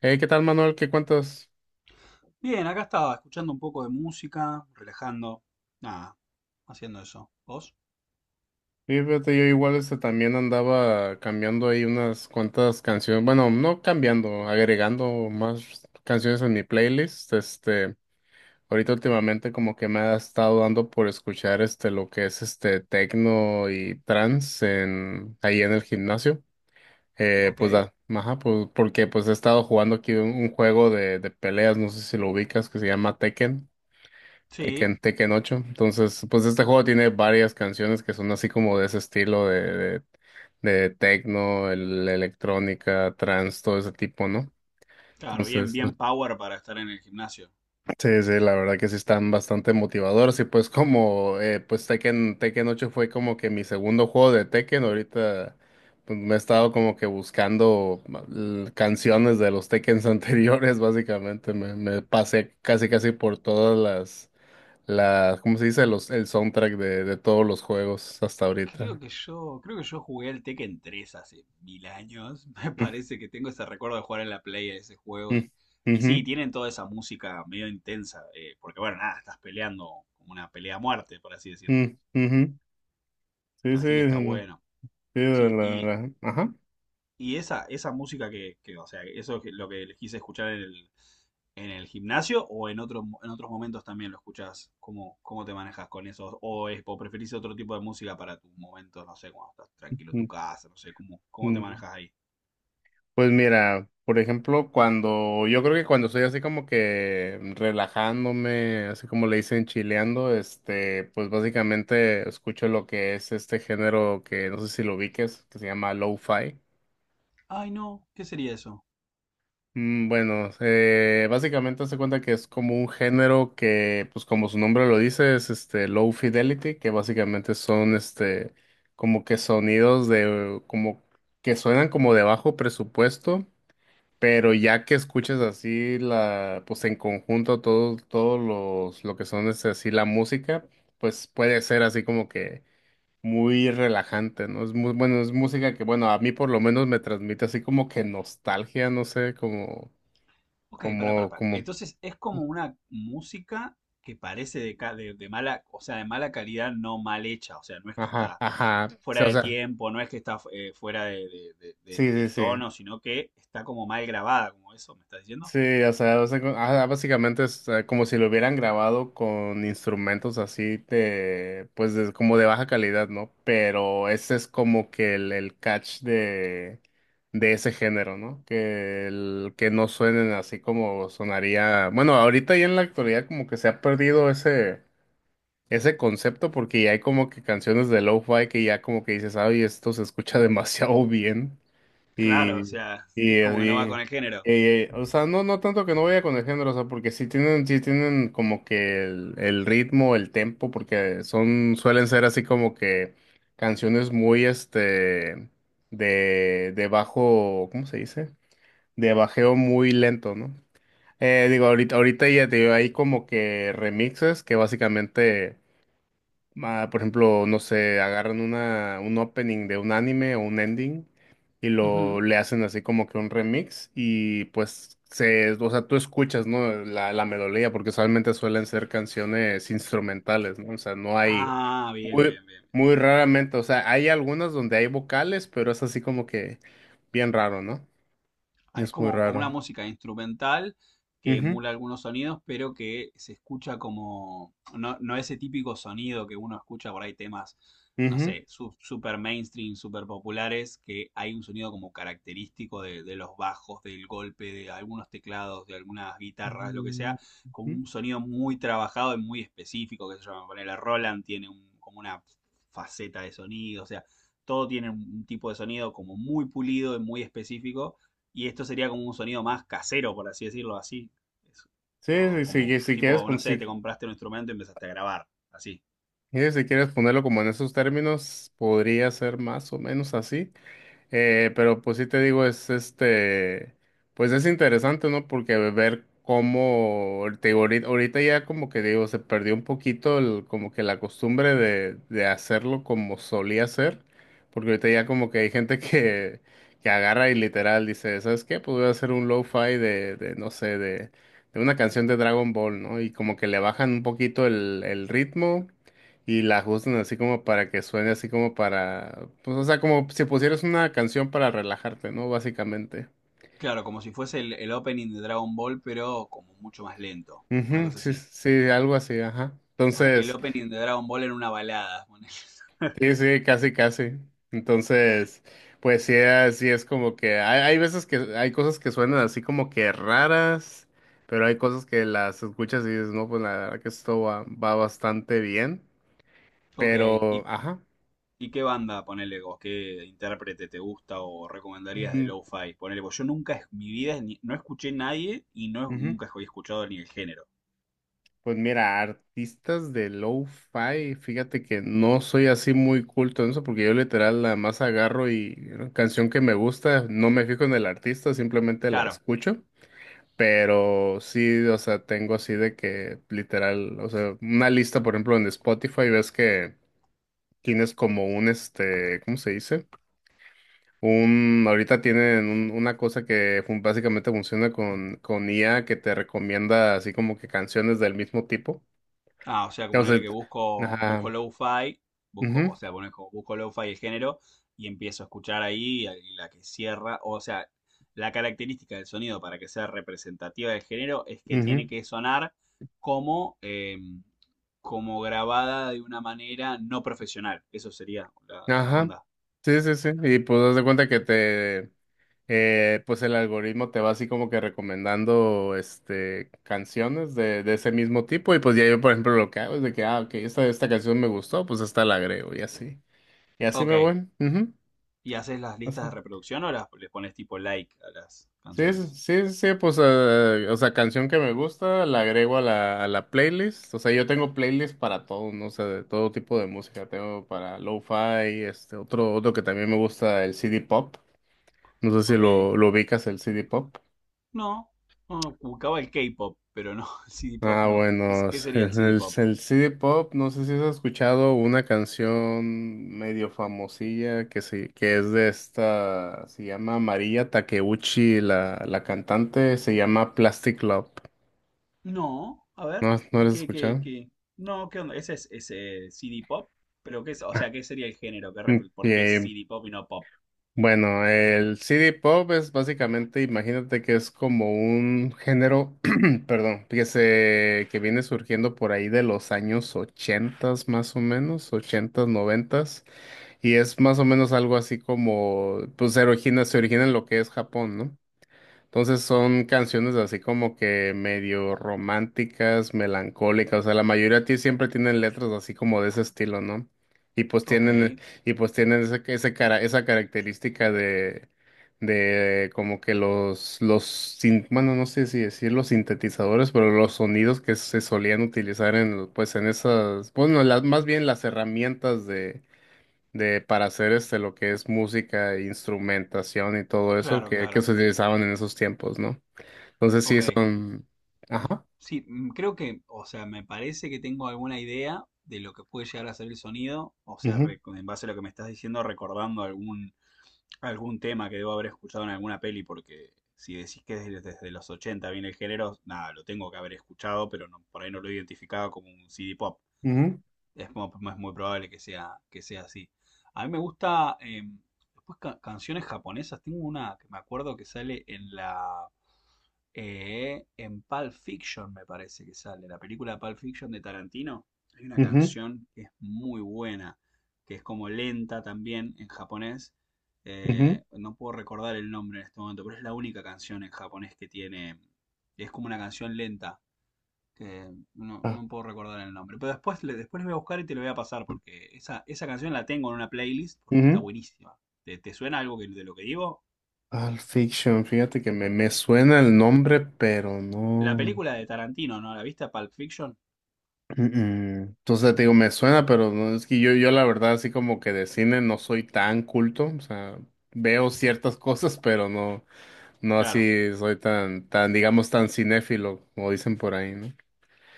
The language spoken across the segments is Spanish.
Hey, ¿qué tal, Manuel? ¿Qué cuentas? Bien, acá estaba, escuchando un poco de música, relajando, nada, haciendo eso. ¿Vos? Sí, fíjate, yo igual también andaba cambiando ahí unas cuantas canciones, bueno, no cambiando, agregando más canciones en mi playlist. Ahorita últimamente como que me ha estado dando por escuchar lo que es este techno y trance en ahí en el gimnasio. Pues Ok. da, ajá, pues porque pues he estado jugando aquí un juego de peleas, no sé si lo ubicas, que se llama Tekken. Sí, Tekken 8. Entonces, pues este juego tiene varias canciones que son así como de ese estilo de, de tecno, electrónica, trance, todo ese tipo, ¿no? claro, bien, Entonces, bien power para estar en el gimnasio. sí, sí, la verdad que sí están bastante motivadores y pues como, pues Tekken 8 fue como que mi segundo juego de Tekken. Ahorita, pues, me he estado como que buscando canciones de los Tekkens anteriores. Básicamente, me pasé casi casi por todas ¿cómo se dice? El soundtrack de todos los juegos hasta Creo ahorita. que yo, creo que yo jugué al Tekken 3 hace mil años. Me Mm, parece que tengo ese recuerdo de jugar en la Play a ese juego y, mm, y ujú, sí, tienen toda esa música medio intensa, porque bueno, nada, estás peleando como una pelea a muerte, por así decirlo. mm, ujú. Sí, sí, Así que está mm, bueno. sí, Sí, y ajá. Y esa música que, o sea, eso es lo que les quise escuchar en el gimnasio o en otros momentos también lo escuchás. ¿Cómo te manejas con eso? ¿ O preferís otro tipo de música para tus momentos, no sé, cuando estás tranquilo en tu Mm, casa, no sé, cómo te mm. manejas ahí? Pues mira, por ejemplo, cuando, yo creo que cuando estoy así como que relajándome, así como le dicen chileando, pues básicamente escucho lo que es este género que no sé si lo ubiques, que se llama lo-fi. Ay, no, ¿qué sería eso? Mm. Bueno, básicamente hace cuenta que es como un género que, pues como su nombre lo dice, es este low fidelity, que básicamente son como que sonidos de como que suenan como de bajo presupuesto, pero ya que escuchas así la, pues en conjunto todos los lo que son así la música, pues puede ser así como que muy relajante, ¿no? Es muy bueno, es música que bueno a mí por lo menos me transmite así como que nostalgia, no sé, como Ok, para, para. como, Entonces es como una música que parece de mala, o sea, de mala calidad, no mal hecha. O sea, no es que ajá, está ajá, sí, fuera o de sea, tiempo, no es que está fuera sí, sí, del sí, tono, sino que está como mal grabada, como eso, ¿me estás diciendo? sí, o sea, ajá, básicamente es como si lo hubieran grabado con instrumentos así de, pues, como de baja calidad, ¿no? Pero ese es como que el catch de ese género, ¿no? Que, que no suenen así como sonaría, bueno, ahorita y en la actualidad como que se ha perdido ese ese concepto, porque ya hay como que canciones de lo-fi que ya como que dices, ay, esto se escucha demasiado bien. Claro, o Y, sea, y, es como que no va con eh, y- el género. eh, o sea, no, no tanto que no vaya con el género, o sea, porque sí tienen como que el ritmo, el tempo, porque son, suelen ser así como que canciones muy, de bajo, ¿cómo se dice? De bajeo muy lento, ¿no? Digo, ahorita ya te digo, hay como que remixes que básicamente, ah, por ejemplo, no sé, agarran una, un opening de un anime o un ending y lo Ujú. le hacen así como que un remix y pues se, o sea, tú escuchas, ¿no? La melodía, porque solamente suelen ser canciones instrumentales, ¿no? O sea, no hay Ah, bien, muy, bien, bien. muy raramente, o sea, hay algunas donde hay vocales, pero es así como que bien raro, ¿no? Ah, es Es muy como una raro. música instrumental que Ujú, emula algunos sonidos, pero que se escucha como, no ese típico sonido que uno escucha por ahí temas, no ujú. sé, super mainstream, super populares, que hay un sonido como característico de los bajos, del golpe, de algunos teclados, de algunas guitarras, lo que Mm, sea, como ujú. un sonido muy trabajado y muy específico, que se llama, ponele Roland tiene como una faceta de sonido, o sea, todo tiene un tipo de sonido como muy pulido y muy específico y esto sería como un sonido más casero, por así decirlo, así. Es- Sí, o sí, como sí, si quieres, tipo, no sé, te compraste un instrumento y empezaste a grabar, así. Si quieres ponerlo como en esos términos, podría ser más o menos así. Pero pues sí te digo, es pues es interesante, ¿no? Porque ver cómo, te digo, ahorita ya como que digo, se perdió un poquito como que la costumbre de hacerlo como solía ser, porque ahorita ya como que hay gente que agarra y literal dice, ¿sabes qué? Pues voy a hacer un lo-fi de, no sé, de una canción de Dragon Ball, ¿no? Y como que le bajan un poquito el ritmo y la ajustan así como para que suene así como para, pues o sea, como si pusieras una canción para relajarte, ¿no? Básicamente. Claro, como si fuese el opening de Dragon Ball, pero como mucho más lento, una Ujú, cosa sí, así. sí, algo así, ajá. El Entonces, opening de Dragon Ball en una balada. Ponele. sí, sí, casi, casi. Entonces, pues sí, así es como que hay veces que hay cosas que suenan así como que raras, pero hay cosas que las escuchas y dices, no, pues la verdad que esto va bastante bien, Ok, pero, ¿y, ajá. y qué banda, ponele vos, qué intérprete te gusta o recomendarías de Mm, lo-fi? Ponele vos, yo nunca en mi vida no escuché nadie y no, ujú. nunca he escuchado ni el género. Pues mira, artistas de lo-fi, fíjate que no soy así muy culto en eso, porque yo literal la más agarro y una canción que me gusta, no me fijo en el artista, simplemente la Claro. escucho. Pero sí, o sea, tengo así de que literal, o sea, una lista, por ejemplo, en Spotify, ves que tienes como un, ¿cómo se dice? Ahorita tienen una cosa que básicamente funciona con, IA que te recomienda así como que canciones del mismo tipo. Ah, o sea, que O sea, ponele que busco ajá, lo-fi, busco, o ujú, sea, ponele como busco lo-fi el género y empiezo a escuchar ahí y la que cierra, o sea, la característica del sonido para que sea representativa del género es que ujú, tiene que sonar como, como grabada de una manera no profesional. Eso sería la ajá, onda. sí, sí, sí, y pues das de cuenta que te, pues el algoritmo te va así como que recomendando, canciones de, ese mismo tipo, y pues ya yo, por ejemplo, lo que hago es de que, ah, ok, esta canción me gustó, pues esta la agrego, y así Ok, me voy, ujú, ¿y haces las o listas sea. de reproducción o las, les pones tipo like a las Sí, sí, canciones? sí, sí, sí, pues, o sea, canción que me gusta, la agrego a a la playlist. O sea, yo tengo playlist para todo, ¿no? O sea, de todo tipo de música. Tengo para lo-fi, otro que también me gusta, el CD pop. No sé si Ok. Lo ubicas, el CD pop. No, no, buscaba el K-pop, pero no, el CD pop Ah, no. ¿ bueno, Qué sería el CD pop? el CD pop, no sé si has escuchado una canción medio famosilla que sí, que es de esta, se llama María Takeuchi, la cantante, se llama Plastic Love. No, a ver, ¿No, no lo ¿y has qué, qué, escuchado? qué? No, ¿qué onda? ¿Ese es ese CD pop? Pero qué es, o sea, ¿qué sería el género? Mm. ¿Por qué es eh, CD pop y no pop? bueno, el CD Pop es básicamente, imagínate que es como un género, perdón, que viene surgiendo por ahí de los años 80 más o menos, 80, 90, y es más o menos algo así como, pues se origina en lo que es Japón, ¿no? Entonces son canciones así como que medio románticas, melancólicas, o sea, la mayoría de ti siempre tienen letras así como de ese estilo, ¿no? Y pues Ok, tienen, y pues tienen ese, cara, esa característica de como que los, bueno, no sé si decir los sintetizadores, pero los sonidos que se solían utilizar en, pues en esas, bueno, más bien las herramientas de para hacer lo que es música, instrumentación y todo eso claro, que claro. se utilizaban en esos tiempos, ¿no? Entonces sí Ok. son. Ajá. Sí, mm, creo que, o sea, me parece que tengo alguna idea de lo que puede llegar a ser el sonido. O sea, Ujú, en base a lo que me estás diciendo, recordando algún tema que debo haber escuchado en alguna peli, porque si decís que desde los 80 viene el género, nada, lo tengo que haber escuchado, pero no, por ahí no lo he identificado como un CD pop. ujú, Es muy probable que sea, así. A mí me gusta, después canciones japonesas, tengo una que me acuerdo que sale en en Pulp Fiction me parece que sale, la película Pulp Fiction de Tarantino, hay una ujú, canción que es muy buena, que es como lenta también en japonés, ujú. No puedo recordar el nombre en este momento, pero es la única canción en japonés que tiene, es como una canción lenta que no, Ah, no puedo recordar el nombre. Pero después, después voy a buscar y te lo voy a pasar porque esa canción la tengo en una playlist porque está ujú. buenísima. ¿Te suena algo que- de lo que digo? Pulp Fiction, fíjate que me suena el nombre, pero La no. película de Tarantino, ¿no? ¿La viste? Pulp Fiction. Mm. Entonces te digo, me suena, pero no es que yo la verdad, así como que de cine no soy tan culto. O sea, veo ciertas cosas, pero no, no Claro. así soy tan, digamos, tan cinéfilo, como dicen por ahí, ¿no?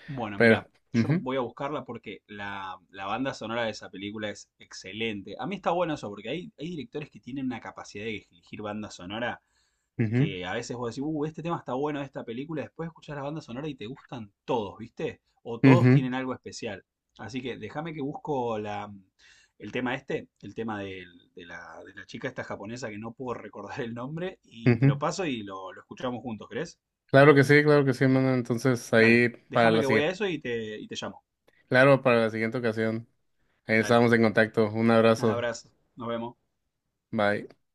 Bueno, Pero, mira, yo ujú, voy a buscarla porque la banda sonora de esa película es excelente. A mí está bueno eso porque hay directores que tienen una capacidad de elegir banda sonora ujú, que a veces vos decís, este tema está bueno de esta película, después escuchás la banda sonora y te gustan todos, ¿viste? O todos ujú, tienen algo especial. Así que déjame que busco el tema este, el tema de la chica esta japonesa que no puedo recordar el nombre, y te lo ujú. paso y lo escuchamos juntos, ¿crees? Claro que sí, hermano. Entonces, Dale, ahí para déjame la que voy a siguiente, eso y te llamo. claro, para la siguiente ocasión. Ahí Dale, estamos en contacto. Un un abrazo. abrazo, nos vemos. Bye.